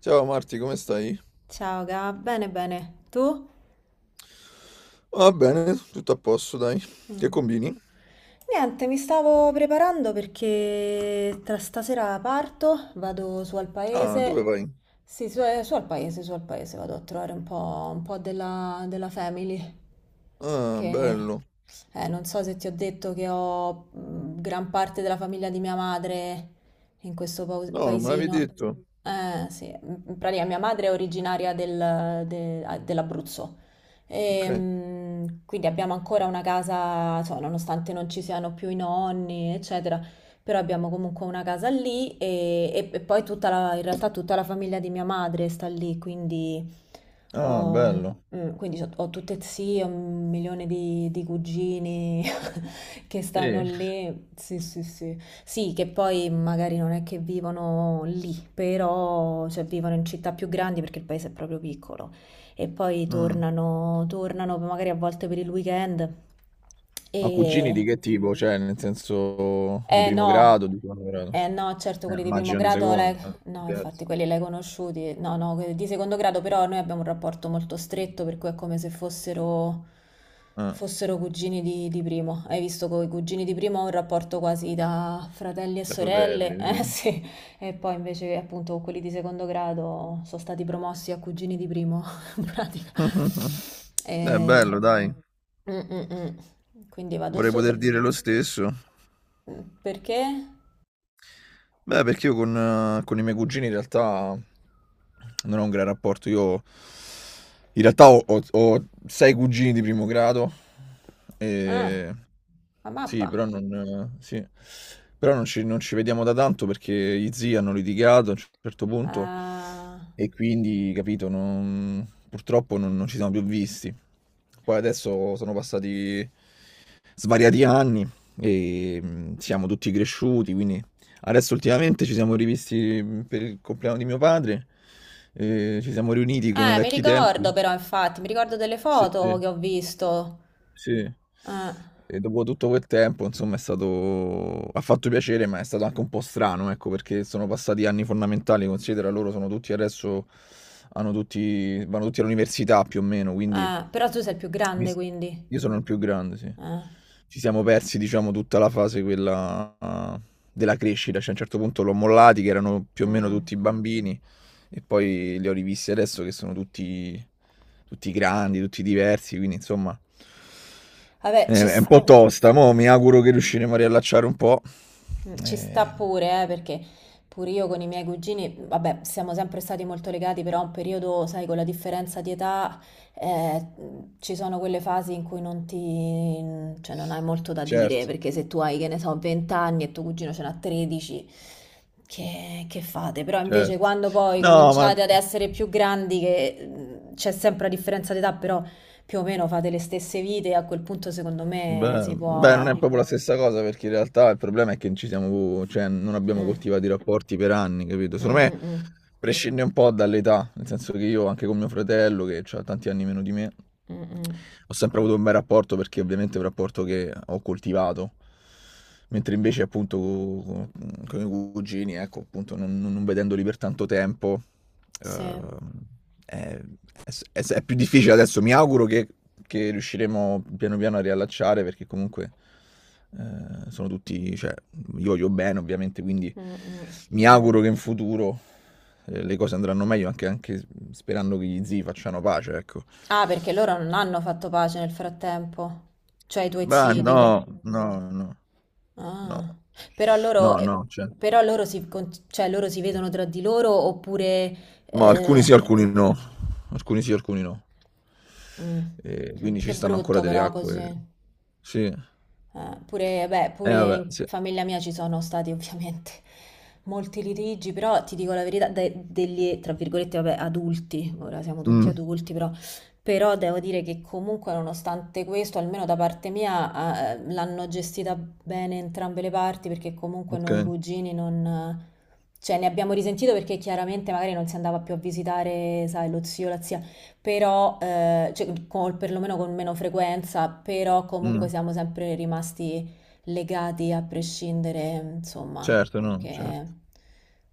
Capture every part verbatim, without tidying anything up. Ciao Marti, come stai? Ciao Gab, bene bene, tu? Va bene, tutto a posto, dai. Che Mm. combini? Niente, mi stavo preparando perché tra stasera parto, vado su al Ah, dove paese, vai? sì, su, eh, su al paese, su al paese, vado a trovare un po', un po' della, della family, Ah, che bello. eh, non so se ti ho detto che ho mm, gran parte della famiglia di mia madre in questo pau- No, non me l'avevi paesino. detto. Eh, sì, in pratica mia madre è originaria del- de- dell'Abruzzo. Ok. Ehm, quindi abbiamo ancora una casa, insomma, nonostante non ci siano più i nonni, eccetera, però abbiamo comunque una casa lì e, e- e poi tutta la, in realtà tutta la famiglia di mia madre sta lì, quindi Ah, ho, bello. mm, quindi ho, ho tutte zie, un milione di, di cugini che stanno Sì. lì. Sì, sì, sì. Sì, che poi magari non è che vivono lì, però cioè, vivono in città più grandi perché il paese è proprio piccolo e poi Mm. tornano, tornano magari a volte per il weekend e Ma cugini di che tipo? Cioè, nel senso di eh primo no, grado, di secondo grado? eh no, certo Eh, quelli di primo immagino di grado, l'hai- secondo, eh, di no, infatti terzo. quelli l'hai conosciuti, no, no, quelli di secondo grado però noi abbiamo un rapporto molto stretto per cui è come se fossero, Ah, fossero cugini di, di primo. Hai visto con i cugini di primo ho un rapporto quasi da fratelli e da sorelle, fratelli, eh sì. sì, e poi invece appunto con quelli di secondo grado sono stati promossi a cugini di primo, in pratica. È Eh, bello, dai. mm, mm, mm. Quindi vado Vorrei su, poter te- dire lo stesso. perché? Beh, perché io con, ehm, con i miei cugini in realtà non ho un gran rapporto. Io in realtà ho, ho- ho sei cugini di primo grado. Ah. E... La Sì, mappa? però non, eh, sì. Però non ci, non ci vediamo da tanto perché gli zii hanno litigato a un certo punto Ah. e quindi, capito, non- purtroppo non, non ci siamo più visti. Poi adesso sono passati svariati anni e mm, siamo tutti cresciuti, quindi adesso ultimamente ci siamo rivisti mh, per il compleanno di mio padre, eh, ci siamo riuniti come Eh, mi vecchi ricordo tempi. però, infatti, mi ricordo delle Sì. foto Sì. che ho visto. Sì. Eh, E dopo tutto quel tempo, insomma, è stato ha fatto piacere, ma è stato anche un po' strano, ecco, perché sono passati anni fondamentali, considera loro sono tutti adesso hanno tutti vanno tutti all'università più o meno, quindi eh, Però tu sei il più mi grande, s- quindi. io sono il più grande, sì. Eh, Ci siamo persi, diciamo, tutta la fase quella ah, della crescita, cioè a un certo punto l'ho mollati che erano più o meno tutti mm. bambini e poi li ho rivisti adesso che sono tutti tutti grandi, tutti diversi, quindi insomma Vabbè, ci... eh, è un s- po' tosta, mo mi auguro che riusciremo a riallacciare un po'. Mm, Ci sta Eh, pure, eh, perché pure io con i miei cugini, vabbè, siamo sempre stati molto legati, però un periodo, sai, con la differenza di età, eh, ci sono quelle fasi in cui non ti, cioè non hai molto da dire, certo, perché se tu hai, che ne so, venti anni e tuo cugino ce n'ha tredici, che, che fate? Però invece certo. quando poi No, ma cominciate ad essere più grandi, che mm, c'è sempre la differenza di età, però più o meno fate le stesse vite, a quel punto secondo me beh, si beh, non è Quindi può... proprio la stessa cosa perché in realtà il problema è che non ci siamo, cioè non abbiamo Mm, coltivato i rapporti per anni, capito? mm, Secondo me mm, mm. prescinde un po' dall'età, nel senso che io anche con mio fratello, che ha tanti anni meno di me, Mh-mh. ho sempre avuto un bel rapporto perché ovviamente è un rapporto che ho coltivato, mentre invece appunto co- co- con, i cugini, ecco, appunto non, non- non vedendoli per tanto tempo, Sì. ehm, è, è- è più difficile adesso, mi auguro che, che riusciremo piano piano a riallacciare perché comunque eh, sono tutti, cioè, io voglio bene ovviamente, quindi Mh-mh. mi auguro che in futuro eh, le cose andranno meglio anche, anche sperando che gli zii facciano pace, ecco. Ah, perché loro non hanno fatto pace nel frattempo? Cioè i tuoi Ma zii, certo. dico. No, no, no, no, Ah. Però loro, no, eh, no, cioè, però loro si, con- cioè, loro si vedono tra di loro oppure... no, alcuni eh, sì, alcuni no, alcuni sì, alcuni no. mm. E quindi ci Che stanno ancora brutto delle però acque. così. Sì. Eh, pure, beh, Eh, pure vabbè, in sì. famiglia mia ci sono stati ovviamente molti litigi, però ti dico la verità, de- degli, tra virgolette, vabbè, adulti, ora siamo tutti Mm, adulti, però, però devo dire che comunque nonostante questo, almeno da parte mia, eh, l'hanno gestita bene entrambe le parti, perché comunque noi ok. cugini non... Cioè, ne abbiamo risentito perché chiaramente magari non si andava più a visitare, sai, lo zio, la zia però, eh, cioè, con- perlomeno con meno frequenza, però Mh. comunque siamo sempre rimasti legati a prescindere, insomma, Certo, no, perché... certo.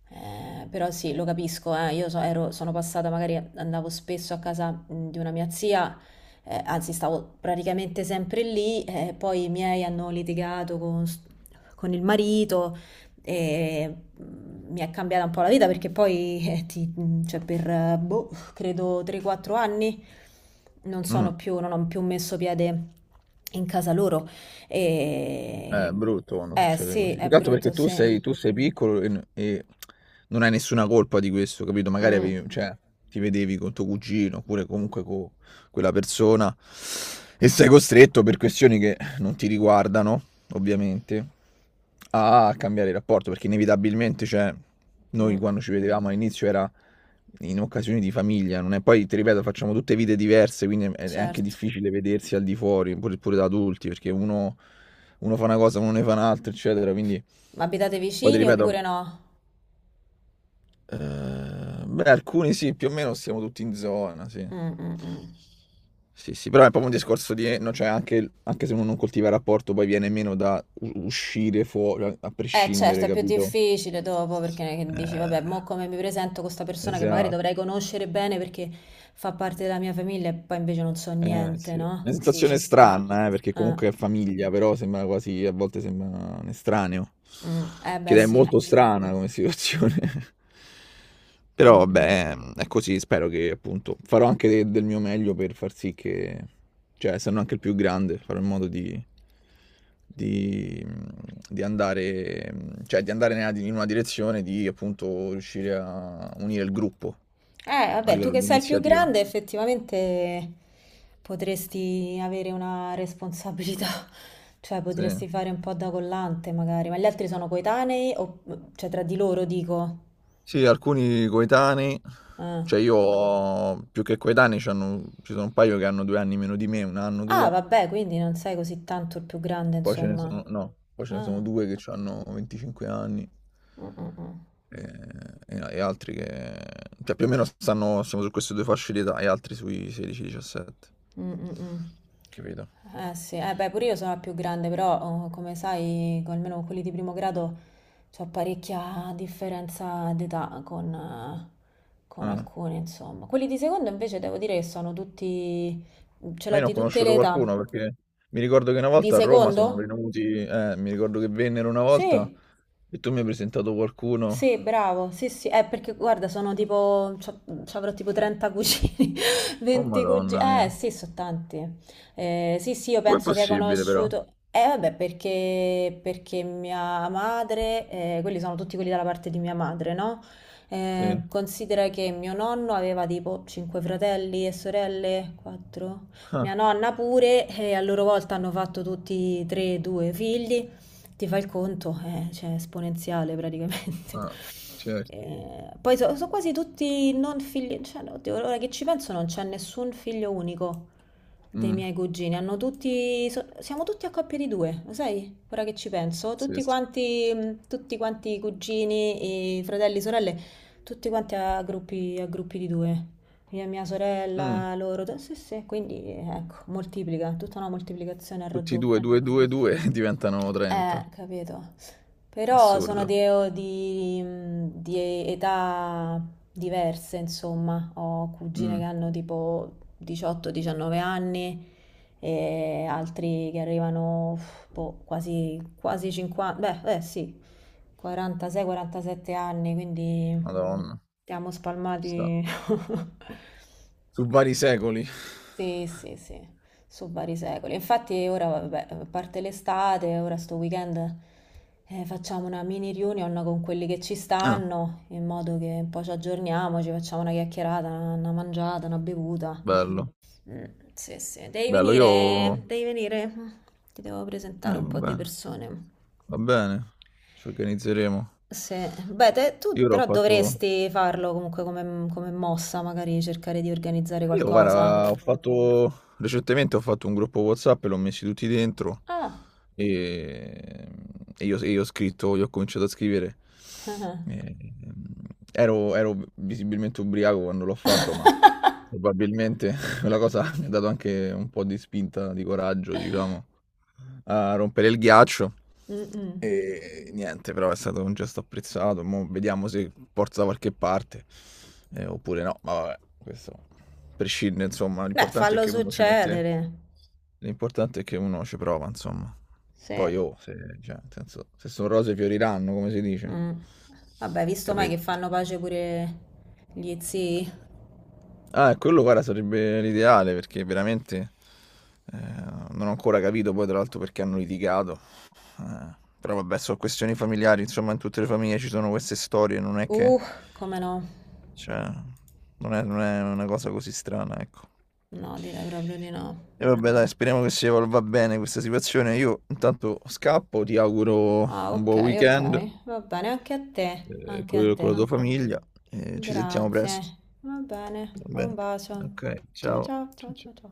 eh, Però sì, lo capisco, eh, io so- ero- sono passata, magari andavo spesso a casa mh, di una mia zia, eh, anzi stavo praticamente sempre lì, eh, poi i miei hanno litigato con, s- con il marito e mh, mi è cambiata un po' la vita perché poi eh, ti- mh, cioè per eh, boh, credo tre o quattro anni, non Mh. sono più, non ho più messo piede in casa loro. Eh, è E... brutto quando Eh succede sì, così. Più è che altro perché brutto, tu sì. sei, tu sei piccolo e, n- e non hai nessuna colpa di questo, capito? Magari Mm, avevi- cioè, ti vedevi con tuo cugino oppure comunque con quella persona e sei costretto per questioni che non ti riguardano, ovviamente, a cambiare il rapporto perché inevitabilmente, cioè, mm, noi quando ci vedevamo all'inizio era in occasioni di famiglia, non è? Poi ti ripeto, facciamo tutte vite diverse, quindi è è anche certo. difficile vedersi al di fuori, pure, pure da adulti, perché uno uno fa una cosa, uno ne fa un'altra, eccetera. Quindi, Ma abitate poi ti vicini oppure ripeto, no? eh, beh, alcuni sì, più o meno siamo tutti in zona, sì. Mm, mm, mm. Sì, sì, però è proprio un discorso di, no, cioè anche, anche se uno non coltiva il rapporto, poi viene meno da u- uscire fuori, a a Eh certo, prescindere, è più capito? difficile dopo perché che dici, vabbè, Eh, mo come mi presento con questa persona che magari Esatto. dovrei conoscere bene perché fa parte della mia famiglia e poi invece non so Eh, niente, sì. no? Una Sì, ci sensazione sta. strana, eh, perché Eh, comunque è famiglia, però sembra quasi, a volte sembra un estraneo. mm. Eh, beh, Che è sì. molto strana come situazione. Però Mm, mm. vabbè, ehm, è così, spero che appunto farò anche de- del mio meglio per far sì che, cioè, essendo anche il più grande, farò in modo di, di, di andare, mm, cioè, di andare nella- in una direzione di appunto riuscire a unire il gruppo Eh, a vabbè, tu livello che di sei il più grande, iniziativa. effettivamente potresti avere una responsabilità, cioè Sì. potresti fare un po' da collante magari, ma gli altri sono coetanei o cioè tra di loro dico. Sì, alcuni coetanei, Ah, cioè io ho più che coetanei, c'hanno- ci sono un paio che hanno due anni meno di me, un anno, Ah, due, vabbè, quindi non sei così tanto il più grande, poi ce ne insomma. sono, no, poi ce ne sono Ah. due che hanno venticinque anni Mm, mm, mm. e, e- e altri che, cioè più o meno stanno, siamo su queste due fasce di età e altri sui sedici diciassette, Mm, mm, mm. capito? Eh sì, eh, beh, pure io sono la più grande, però oh, come sai, con- almeno con quelli di primo grado c'ho parecchia differenza d'età con, eh, con Ah, alcuni, insomma. Quelli di secondo invece devo dire che sono tutti, ce ma l'ho io ne ho di tutte conosciuto le età. qualcuno perché mi ricordo che una Di volta a Roma sono secondo? venuti, eh, mi ricordo che vennero una volta Sì. e tu mi hai presentato qualcuno. Sì, bravo, sì, sì, eh, perché guarda, sono tipo, c'ho- c'avrò tipo trenta cugini, Oh venti cugini, madonna eh mia. sì, sono tanti. Eh, sì, sì, io Com'è penso che hai possibile però? conosciuto, eh vabbè, perché, perché mia madre, eh, quelli sono tutti quelli dalla parte di mia madre, no? Eh, Sì. Considera che mio nonno aveva tipo cinque fratelli e sorelle, quattro, mia Ah, nonna pure, e a loro volta hanno fatto tutti tre, due figli ti fai il conto, eh, cioè, esponenziale ah, praticamente. certo. Eh, poi so- sono quasi tutti non figli, cioè, oddio, ora che ci penso non c'è nessun figlio unico dei Mm, miei cugini, hanno tutti, so- siamo tutti a coppie di due, lo sai? Ora che ci penso, tutti pazzesco. quanti, mh, tutti quanti i cugini, i fratelli, sorelle, tutti quanti a gruppi, a gruppi di due. Mia, mia Mm, sorella, loro, sì, sì, quindi ecco, moltiplica, tutta una moltiplicazione al tutti e due, eh, raddoppio. due, due, due diventano Eh, trenta. capito. Però sono Assurdo. di, di- di età diverse, insomma. Ho cugine che Mm, hanno tipo diciotto o diciannove anni e altri che arrivano uff, boh, quasi, quasi cinquanta, beh, eh sì, quarantasei o quarantasette anni, quindi madonna. siamo Sta. spalmati. Su vari secoli. Sì, sì, sì, su vari secoli. Infatti ora, vabbè, a parte l'estate, ora sto weekend eh, facciamo una mini reunion con quelli che ci Ah, stanno, in modo che un po' ci aggiorniamo, ci facciamo una chiacchierata, una, una mangiata, una bevuta. bello. Mm, sì, sì, devi Bello, venire, io... devi venire. Ti devo Eh, presentare va un po' di bene. persone. Va bene. Ci organizzeremo. Sì, beh, te- tu Io l'ho però fatto... dovresti farlo comunque come, come mossa, magari cercare di organizzare Io, qualcosa. guarda, ho fatto recentemente, ho fatto un gruppo WhatsApp e l'ho messi tutti dentro Ah. e, e io, e io ho scritto, io ho cominciato a scrivere. E- ehm, Ero, ero visibilmente ubriaco quando l'ho fatto, probabilmente quella cosa mi ha dato anche un po' di spinta, di coraggio, diciamo, a rompere il ghiaccio. Mh-mh. E niente, però è stato un gesto apprezzato. Mo vediamo se porta da qualche parte, eh, oppure no. Ma vabbè, questo prescinde, insomma. Beh, L'importante è fallo che uno ci mette... succedere. L'importante è che uno ci prova, insomma. Sì. Poi, oh, se, cioè, nel senso, se sono rose fioriranno, come si dice. Mh. Vabbè, visto mai che Capito? fanno pace pure gli zii? Ah, e quello guarda sarebbe l'ideale perché veramente eh, non ho ancora capito poi tra l'altro perché hanno litigato. Eh, però vabbè, sono questioni familiari, insomma, in tutte le famiglie ci sono queste storie, non è che Uh, come no? cioè, non è, non è una cosa così strana, ecco. No, direi proprio di no. E vabbè, dai, speriamo che si evolva bene questa situazione. Io intanto scappo, ti auguro Ah, un ok, buon ok. weekend Va bene, anche a te, eh, anche a con, con la te. tua famiglia e ci sentiamo presto. Grazie. Va bene, Va un bene. bacio. Ok, Ciao ciao. ciao, ciao Ciao, ciao ciao. ciao.